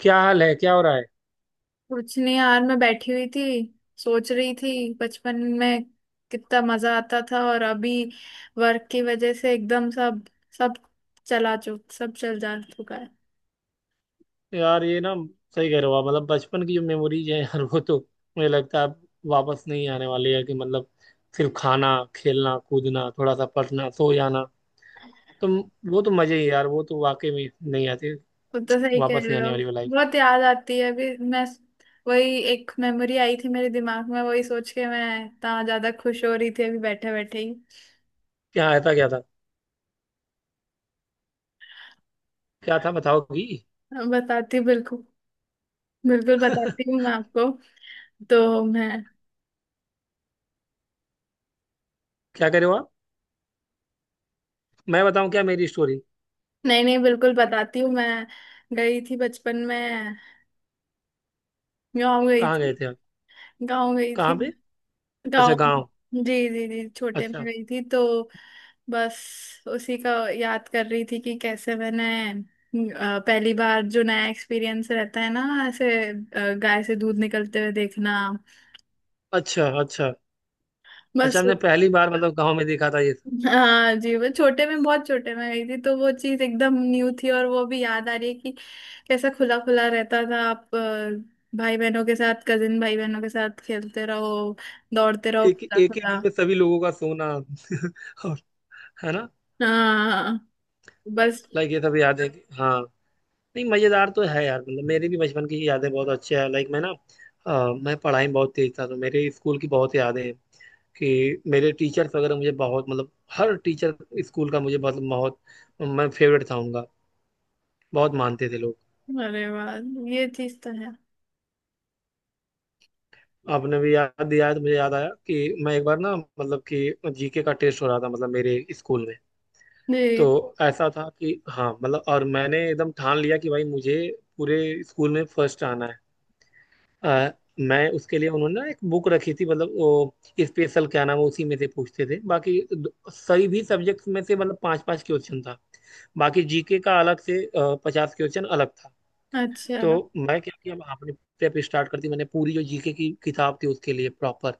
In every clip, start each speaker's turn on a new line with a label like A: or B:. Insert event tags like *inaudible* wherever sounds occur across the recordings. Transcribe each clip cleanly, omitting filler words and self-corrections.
A: क्या हाल है? क्या हो रहा है?
B: कुछ नहीं यार, मैं बैठी हुई थी। सोच रही थी बचपन में कितना मजा आता था। और अभी वर्क की वजह से एकदम सब सब चला चुक सब चल जा चुका है।
A: यार ये ना, सही कह रहे हो आप। मतलब बचपन की जो मेमोरीज है यार वो तो मुझे लगता है अब वापस नहीं आने वाली है, कि मतलब सिर्फ खाना, खेलना कूदना, थोड़ा सा पढ़ना, सो जाना, तो वो तो मजे ही यार, वो तो वाकई में नहीं आती,
B: वो तो सही कह
A: वापस
B: रहे
A: नहीं
B: हो।
A: आने वाली वो लाइफ।
B: बहुत याद आती है। अभी मैं वही एक मेमोरी आई थी मेरे दिमाग में, वही सोच के मैं इतना ज्यादा खुश हो रही थी अभी बैठे बैठे ही।
A: क्या? ऐसा क्या था? क्या था, बताओगी?
B: बताती हूँ, बिल्कुल बिल्कुल बताती हूँ मैं आपको। तो मैं
A: क्या करे हो आप? मैं बताऊं क्या मेरी स्टोरी?
B: नहीं नहीं, बिल्कुल बताती हूँ मैं। गई थी बचपन में, गाँव गई
A: कहाँ
B: थी।
A: गए थे आप?
B: गांव गई
A: कहाँ
B: थी।
A: पे? अच्छा,
B: गांव।
A: गाँव।
B: जी जी जी, छोटे में
A: अच्छा।
B: गई थी तो बस उसी का याद कर रही थी कि कैसे मैंने पहली बार जो नया एक्सपीरियंस रहता है ना, ऐसे गाय से दूध निकलते हुए देखना।
A: अच्छा। अच्छा। अच्छा,
B: बस
A: हमने
B: वो-
A: पहली बार मतलब गाँव में देखा था ये सब।
B: हाँ जी, वो छोटे में, बहुत छोटे में गई थी तो वो चीज एकदम न्यू थी। और वो भी याद आ रही है कि कैसा खुला खुला रहता था। आप भाई बहनों के साथ, कजिन भाई बहनों के साथ खेलते रहो, दौड़ते रहो
A: एक
B: खुला
A: एक ही
B: खुला।
A: रूम में सभी लोगों का सोना *laughs* और, है ना?
B: हाँ। बस।
A: लाइक ये सब यादें। हाँ। नहीं, मजेदार तो है यार, मतलब मेरी भी बचपन की यादें बहुत अच्छी है, लाइक मैं ना, मैं पढ़ाई में बहुत तेज था, तो मेरे स्कूल की बहुत यादें हैं। कि मेरे टीचर्स वगैरह मुझे बहुत मतलब, हर टीचर स्कूल का मुझे बहुत बहुत, मैं फेवरेट था उनका, बहुत मानते थे लोग।
B: अरे वाह, ये चीज तो है।
A: आपने भी याद दिया है तो मुझे याद आया कि मैं एक बार ना, मतलब कि जीके का टेस्ट हो रहा था मतलब मेरे स्कूल में। तो
B: जी।
A: ऐसा था कि हाँ मतलब, और मैंने एकदम ठान लिया कि भाई मुझे पूरे स्कूल में फर्स्ट आना है। मैं उसके लिए, उन्होंने ना एक बुक रखी थी मतलब वो स्पेशल क्या नाम है, उसी में से पूछते थे। बाकी सही भी सब्जेक्ट्स में से मतलब पांच पांच क्वेश्चन था। बाकी जीके का अलग से 50 क्वेश्चन अलग था।
B: अच्छा।
A: तो मैं क्या किया, अपने प्रेप स्टार्ट कर दी मैंने। पूरी जो जीके की किताब थी उसके लिए प्रॉपर,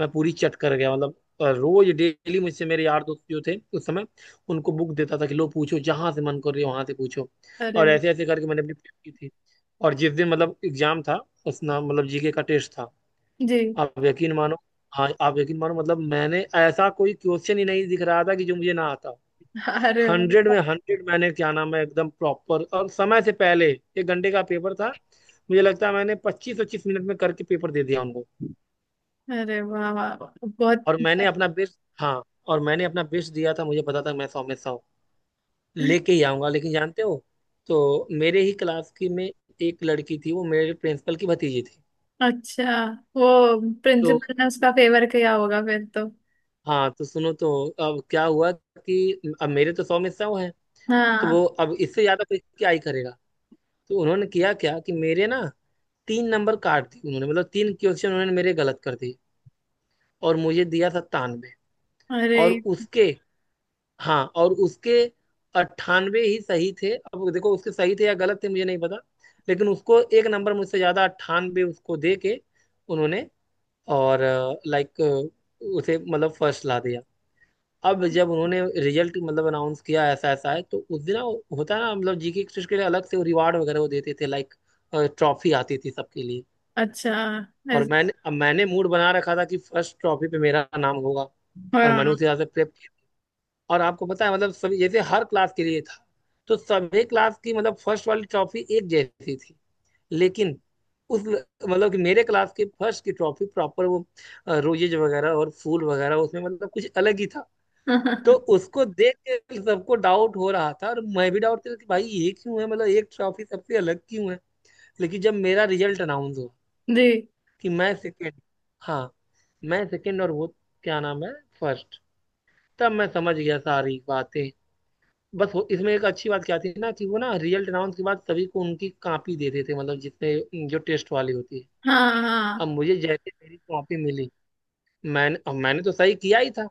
A: मैं पूरी चट कर गया मतलब। रोज डेली मुझसे मेरे यार दोस्त जो थे उस समय, उनको बुक देता था कि लो पूछो, जहां से मन कर रही है वहां से पूछो।
B: अरे
A: और
B: वाह।
A: ऐसे ऐसे करके मैंने अपनी prep की थी। और जिस दिन मतलब एग्जाम था, उस ना मतलब जीके का टेस्ट था।
B: जी।
A: आप यकीन मानो, हाँ आप यकीन मानो मतलब, मैंने ऐसा कोई क्वेश्चन ही नहीं दिख रहा था कि जो मुझे ना आता हो।
B: अरे
A: हंड्रेड में
B: वाह।
A: हंड्रेड मैंने क्या नाम है एकदम प्रॉपर और समय से पहले। एक घंटे का पेपर था, मुझे लगता है मैंने 25 25 मिनट में करके पेपर दे दिया उनको।
B: अरे वाह वाह वाह,
A: और मैंने
B: बहुत
A: अपना बेस्ट, हाँ, और मैंने अपना बेस्ट दिया था, मुझे पता था मैं 100 में 100 लेके ही आऊंगा, लेकिन जानते हो, तो मेरे ही क्लास की में एक लड़की थी, वो मेरे प्रिंसिपल की भतीजी थी।
B: अच्छा। वो
A: तो
B: प्रिंसिपल ने उसका फेवर किया होगा फिर तो।
A: हाँ तो सुनो तो, अब क्या हुआ कि अब मेरे तो 100 में 100 है। तो
B: हाँ।
A: वो अब इससे ज्यादा कोई क्या ही करेगा। तो उन्होंने किया क्या कि मेरे ना तीन नंबर काट दिए उन्होंने, मतलब तीन क्वेश्चन उन्होंने मेरे गलत कर दिए और मुझे दिया 97।
B: अरे।
A: और उसके, हाँ और उसके 98 ही सही थे, अब देखो उसके सही थे या गलत थे मुझे नहीं पता। लेकिन उसको एक नंबर मुझसे ज्यादा, 98 उसको दे के उन्होंने, और लाइक उसे मतलब फर्स्ट ला दिया। अब जब उन्होंने रिजल्ट मतलब अनाउंस किया ऐसा ऐसा है, तो उस दिन ना वो होता ना, मतलब जीके एक्सरसाइज के लिए अलग से वो रिवार्ड वगैरह वो देते थे, लाइक ट्रॉफी आती थी सबके लिए।
B: अच्छा।
A: और
B: ऐस-
A: मैंने मूड बना रखा था कि फर्स्ट ट्रॉफी पे मेरा नाम होगा। और मैंने
B: हाँ।
A: उस हिसाब से प्रेप। और आपको पता है मतलब सभी, जैसे हर क्लास के लिए था, तो सभी क्लास की मतलब फर्स्ट वाली ट्रॉफी एक जैसी थी। लेकिन उस, मतलब कि मेरे क्लास के फर्स्ट की ट्रॉफी प्रॉपर वो रोजेज वगैरह और फूल वगैरह उसमें, मतलब कुछ अलग ही था। तो
B: *laughs*
A: उसको देख के सबको डाउट हो रहा था और मैं भी डाउट कर रहा था कि भाई ये क्यों है, मतलब एक ट्रॉफी सबसे अलग क्यों है? लेकिन जब मेरा रिजल्ट अनाउंस हुआ
B: जी।
A: कि मैं सेकेंड, हाँ, मैं सेकेंड और वो क्या नाम है फर्स्ट, तब मैं समझ गया सारी बातें। बस वो इसमें एक अच्छी बात क्या थी ना कि वो ना रियल अनाउंस के बाद सभी को उनकी कॉपी दे देते थे, मतलब जितने जो टेस्ट वाली होती है।
B: हाँ
A: अब
B: हाँ।
A: मुझे जैसे मेरी कॉपी मिली, मैंने तो सही किया ही था,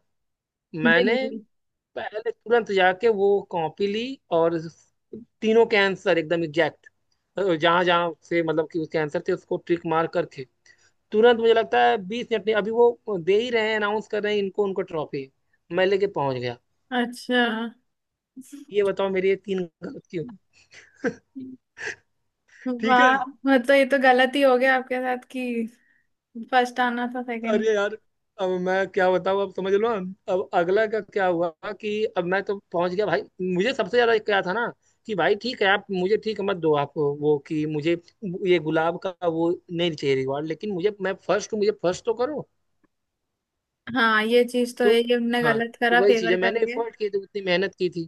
A: मैंने
B: जी।
A: पहले तुरंत जाके वो कॉपी ली। और तीनों के आंसर एकदम एग्जैक्ट, जहां जहां से मतलब कि उसके आंसर थे उसको ट्रिक मार करके, तुरंत मुझे लगता है 20 मिनट में, अभी वो दे ही रहे हैं अनाउंस कर रहे हैं इनको उनको ट्रॉफी, मैं लेके पहुंच गया।
B: अच्छा।
A: ये बताओ मेरी ये तीन गलत क्यों? *laughs* ठीक है।
B: वाह, मतलब तो ये तो गलत ही हो गया आपके साथ कि फर्स्ट आना था, सेकंड।
A: अरे यार, अब मैं क्या बताऊँ, अब समझ लो। अब अगला का क्या हुआ कि अब मैं तो पहुंच गया भाई। मुझे सबसे ज्यादा क्या था ना कि भाई ठीक है, आप मुझे ठीक मत दो, आप वो कि मुझे ये गुलाब का वो नहीं चाहिए रिवॉर्ड, लेकिन मुझे, मैं फर्स्ट हूँ मुझे फर्स्ट तो करो।
B: हाँ, ये चीज तो है,
A: तो
B: ये उनने
A: हाँ,
B: गलत
A: तो
B: करा
A: वही चीज़
B: फेवर
A: है मैंने
B: करके।
A: एफर्ट किए थे उतनी मेहनत की थी।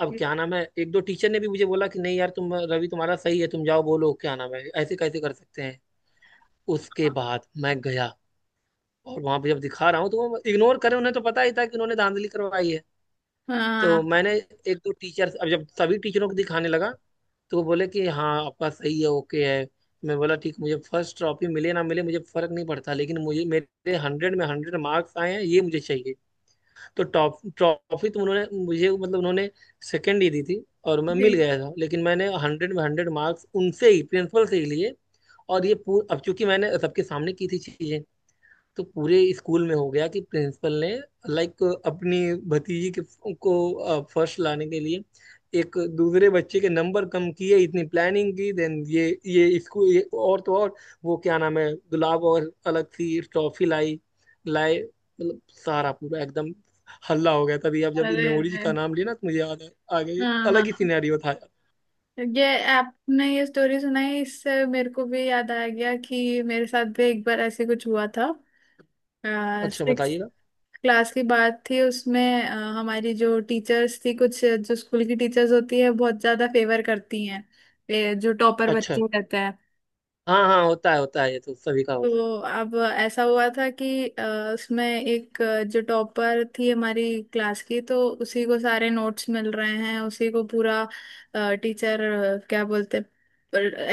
A: अब क्या नाम है, एक दो टीचर ने भी मुझे बोला कि नहीं यार तुम, रवि तुम्हारा सही है, तुम जाओ बोलो क्या नाम है ऐसे कैसे कर सकते हैं। उसके बाद मैं गया, और वहां पे जब दिखा रहा हूँ तो वो इग्नोर करें, उन्हें तो पता ही था कि उन्होंने धांधली करवाई है। तो
B: हाँ।
A: मैंने, एक दो टीचर, अब जब सभी टीचरों को दिखाने लगा तो वो बोले कि हाँ आपका सही है, ओके है। मैं बोला ठीक, मुझे फर्स्ट ट्रॉफी मिले ना मिले मुझे फर्क नहीं पड़ता, लेकिन मुझे, मेरे 100 में 100 मार्क्स आए हैं ये मुझे चाहिए। तो टॉप ट्रॉफी तो उन्होंने मुझे मतलब उन्होंने सेकेंड ही दी थी और मैं
B: जी।
A: मिल गया था, लेकिन मैंने 100 में 100 मार्क्स उनसे ही, प्रिंसिपल से ही लिए। और ये पूर अब चूंकि मैंने सबके सामने की थी चीजें, तो पूरे स्कूल में हो गया कि प्रिंसिपल ने लाइक अपनी भतीजी के को फर्स्ट लाने के लिए एक दूसरे बच्चे के नंबर कम किए, इतनी प्लानिंग की देन ये स्कूल, ये और तो और, वो क्या नाम है गुलाब और अलग सी ट्रॉफी लाई लाए मतलब सारा पूरा एकदम हल्ला हो गया। तभी अब जब
B: अरे
A: मेमोरीज
B: अरे।
A: का नाम लिया ना, तो मुझे याद आ आ गई।
B: हाँ
A: अलग ही
B: हाँ।
A: सिनेरियो था यार।
B: ये आपने ये स्टोरी सुनाई इससे मेरे को भी याद आ गया कि मेरे साथ भी एक बार ऐसे कुछ हुआ था।
A: अच्छा,
B: सिक्स
A: बताइएगा।
B: क्लास की बात थी। उसमें हमारी जो टीचर्स थी, कुछ जो स्कूल की टीचर्स होती है बहुत ज्यादा फेवर करती हैं ये जो टॉपर
A: अच्छा।
B: बच्चे रहते हैं।
A: हाँ हाँ, होता है होता है, ये तो सभी का होता है।
B: तो अब ऐसा हुआ था कि उसमें एक जो टॉपर थी हमारी क्लास की, तो उसी को सारे नोट्स मिल रहे हैं, उसी को पूरा टीचर अ, क्या बोलते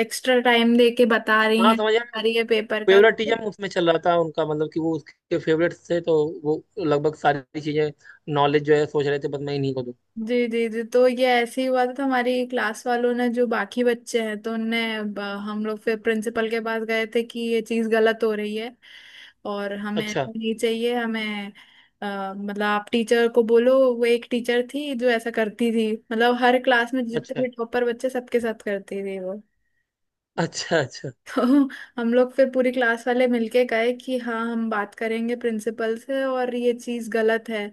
B: एक्स्ट्रा टाइम दे के बता रही
A: हाँ
B: है,
A: समझ आया,
B: बता रही है पेपर का। तो
A: फेवरेटिज्म उसमें चल रहा था उनका, मतलब कि वो उसके फेवरेट्स थे, तो वो लगभग सारी चीजें नॉलेज जो है सोच रहे थे बस मैं इन्हीं को दूं।
B: जी जी जी, तो ये ऐसे ही हुआ था। तो हमारी क्लास वालों ने जो बाकी बच्चे हैं तो उनने ब- हम लोग फिर प्रिंसिपल के पास गए थे कि ये चीज़ गलत हो रही है और हमें
A: अच्छा।
B: ऐसा नहीं चाहिए, हमें मतलब आप टीचर को बोलो। वो एक टीचर थी जो ऐसा करती थी, मतलब हर क्लास में जितने
A: अच्छा।
B: भी टॉपर बच्चे सबके साथ करती थी।
A: अच्छा। अच्छा।
B: तो हम लोग फिर पूरी क्लास वाले मिलके गए कि हाँ, हम बात करेंगे प्रिंसिपल से और ये चीज गलत है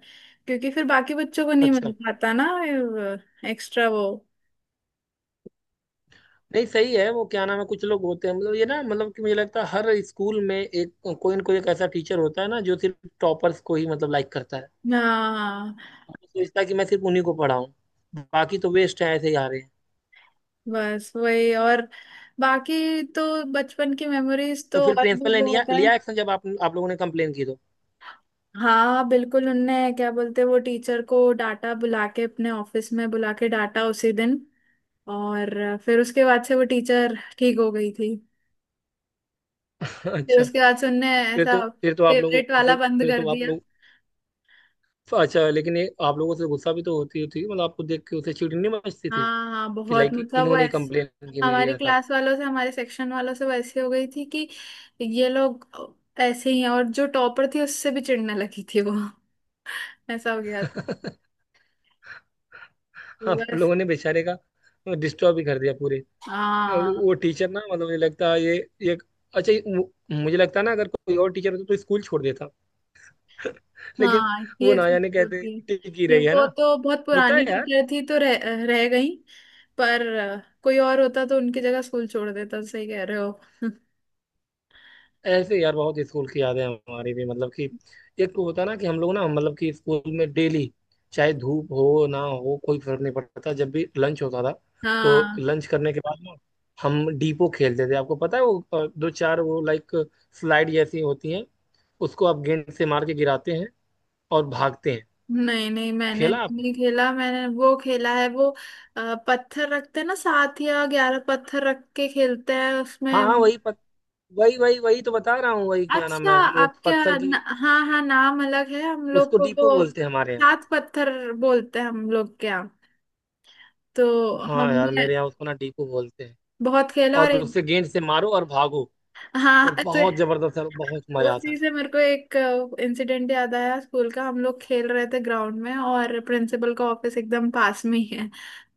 B: क्योंकि फिर बाकी बच्चों को नहीं मिल
A: अच्छा,
B: पाता ना एक्स्ट्रा वो।
A: नहीं सही है, वो क्या नाम है, कुछ लोग होते हैं मतलब, ये ना मतलब कि मुझे लगता है हर स्कूल में एक, कोई ना कोई एक ऐसा टीचर होता है ना जो सिर्फ टॉपर्स को ही मतलब लाइक करता है।
B: हाँ,
A: वो सोचता है कि मैं सिर्फ उन्हीं को पढ़ाऊँ, बाकी तो वेस्ट है ऐसे ही आ रहे हैं।
B: बस वही। और बाकी तो बचपन की मेमोरीज
A: तो
B: तो
A: फिर
B: और भी
A: प्रिंसिपल ने लिया
B: बहुत है।
A: लिया एक्शन जब आप लोगों ने कंप्लेन की तो?
B: हाँ बिल्कुल। उनने क्या बोलते हैं, वो टीचर को डाटा, बुला के अपने ऑफिस में बुला के डाटा उसी दिन। और फिर उसके बाद से वो टीचर ठीक हो गई थी।
A: *laughs*
B: फिर
A: अच्छा।
B: उसके बाद से उनने
A: फिर
B: ऐसा
A: तो फिर तो आप लोगों
B: फेवरेट वाला
A: से,
B: बंद
A: फिर
B: कर
A: तो आप
B: दिया।
A: लोगों, तो अच्छा। लेकिन ये आप लोगों से तो गुस्सा भी तो होती होती थी, मतलब आपको देख के उसे चिढ़ नहीं मचती थी?
B: हाँ हाँ
A: कि
B: बहुत,
A: लाइक
B: मतलब वो
A: इन्होंने ही
B: ऐसे
A: कंप्लेन की मेरी,
B: हमारी
A: ऐसा।
B: क्लास वालों से, हमारे सेक्शन वालों से वो ऐसी हो गई थी कि ये लोग ऐसे ही हैं। और जो टॉपर थी उससे भी चिढ़ने लगी थी वो। *laughs* ऐसा हो गया था।
A: *laughs*
B: तो
A: आप
B: बस।
A: लोगों ने बेचारे का डिस्टर्ब भी कर दिया पूरे।
B: हाँ
A: वो टीचर ना, मतलब मुझे लगता है ये अच्छा, ये मुझे लगता है ना अगर कोई और टीचर होता तो स्कूल छोड़ देता। *laughs* लेकिन
B: हाँ,
A: वो
B: ये
A: ना
B: चीज
A: जाने कहते
B: होती है।
A: टिकी
B: ये
A: रही है
B: वो
A: ना,
B: तो बहुत
A: होता
B: पुरानी
A: है।
B: टीचर थी तो रह गई। पर कोई और होता तो उनकी जगह स्कूल छोड़ देता, सही कह रहे हो। *laughs*
A: ऐसे यार, बहुत स्कूल की यादें हैं हमारी भी, मतलब कि एक तो होता ना कि हम लोग ना मतलब कि स्कूल में डेली, चाहे धूप हो ना हो कोई फर्क नहीं पड़ता, जब भी लंच होता था तो
B: हाँ।
A: लंच करने के बाद ना, हम डीपो खेलते थे। आपको पता है वो दो चार वो लाइक स्लाइड जैसी होती हैं, उसको आप गेंद से मार के गिराते हैं और भागते हैं।
B: नहीं नहीं, मैंने
A: खेला आपने?
B: नहीं खेला। मैंने वो खेला है वो पत्थर रखते हैं ना, सात या 11 पत्थर रख के खेलते हैं
A: हाँ हाँ,
B: उसमें।
A: वही वही वही तो बता रहा हूँ वही क्या नाम
B: अच्छा।
A: है वो
B: आपके
A: पत्थर
B: यहाँ
A: की।
B: न, हाँ हाँ, नाम अलग है हम लोग
A: उसको
B: को
A: डीपो
B: तो।
A: बोलते हैं हमारे यहाँ।
B: सात पत्थर बोलते हैं हम लोग के यहाँ। तो
A: हाँ यार,
B: हमने
A: मेरे यहाँ उसको ना डीपो बोलते हैं,
B: बहुत खेला। और
A: और
B: एक
A: उसे गेंद से मारो और भागो,
B: हाँ,
A: और
B: तो
A: बहुत जबरदस्त, और बहुत मजा आता
B: उसी
A: था।
B: से मेरे को एक इंसिडेंट याद आया स्कूल का। हम लोग खेल रहे थे ग्राउंड में और प्रिंसिपल का ऑफिस एकदम पास में ही है।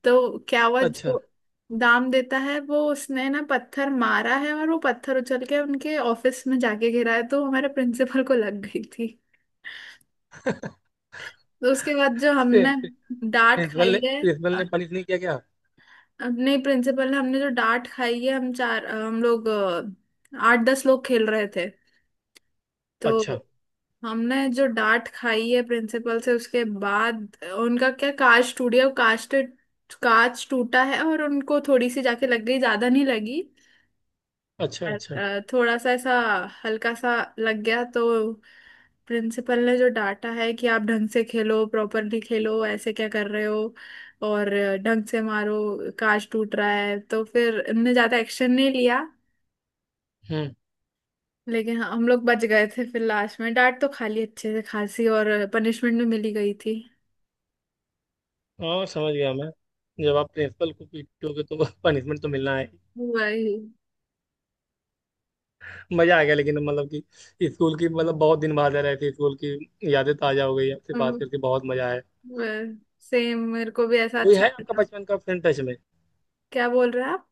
B: तो क्या हुआ, जो
A: अच्छा।
B: दाम देता है वो उसने ना पत्थर मारा है और वो पत्थर उछल के उनके ऑफिस में जाके गिरा है तो हमारे प्रिंसिपल को लग गई थी।
A: *laughs*
B: तो उसके बाद जो हमने डांट
A: प्रिंसिपल
B: खाई
A: ने
B: है
A: प्रिंसिपल ने पनिश नहीं किया क्या?
B: अपने प्रिंसिपल ने, हमने जो डांट खाई है। हम चार, हम लोग आठ दस लोग खेल रहे थे।
A: अच्छा।
B: तो हमने जो डांट खाई है प्रिंसिपल से, उसके बाद उनका क्या कांच टूट गया। कांच टूटा है और उनको थोड़ी सी जाके लग गई, ज्यादा नहीं लगी।
A: अच्छा।
B: और
A: अच्छा।
B: थोड़ा सा ऐसा हल्का सा लग गया तो प्रिंसिपल ने जो डांटा है कि आप ढंग से खेलो, प्रॉपरली खेलो, ऐसे क्या कर रहे हो और ढंग से मारो, कांच टूट रहा है। तो फिर इनने ज्यादा एक्शन नहीं लिया।
A: हम्म।
B: लेकिन हम लोग बच गए थे फिर। लास्ट में डांट तो खा ली अच्छे से खासी और पनिशमेंट भी मिली गई थी।
A: और समझ गया मैं, जब आप प्रिंसिपल को पीटोगे तो *laughs* पनिशमेंट तो मिलना है।
B: वही।
A: मजा आ गया, लेकिन मतलब कि स्कूल की मतलब बहुत दिन बाद है, ऐसी स्कूल की यादें ताजा हो गई आपसे बात
B: हम।
A: करके, बहुत मजा आया।
B: सेम मेरे को भी ऐसा
A: कोई
B: अच्छा
A: है आपका
B: लगा।
A: बचपन का फ्रेंड टच में?
B: क्या बोल रहे हैं आप?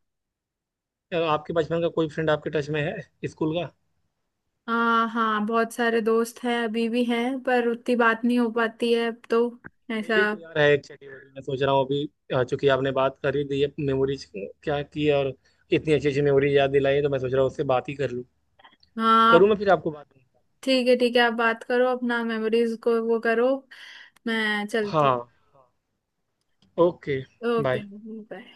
A: या आपके बचपन का कोई फ्रेंड आपके टच में है स्कूल का?
B: हाँ हाँ, बहुत सारे दोस्त हैं, अभी भी हैं, पर उतनी बात नहीं हो पाती है अब तो। ऐसा।
A: मेरी तो यार है एक चटी बटी, मैं सोच रहा हूँ अभी, चूंकि आपने बात कर ही दी है मेमोरीज क्या की है, और इतनी अच्छी अच्छी मेमोरी याद दिलाई है, तो मैं सोच रहा हूँ उससे बात ही कर लूँ।
B: हाँ।
A: करूँ
B: आप
A: मैं फिर? आपको बात,
B: ठीक है, ठीक है आप बात करो, अपना मेमोरीज को वो करो। मैं चलती।
A: हाँ, ओके।
B: ओके।
A: बाय।
B: बाय।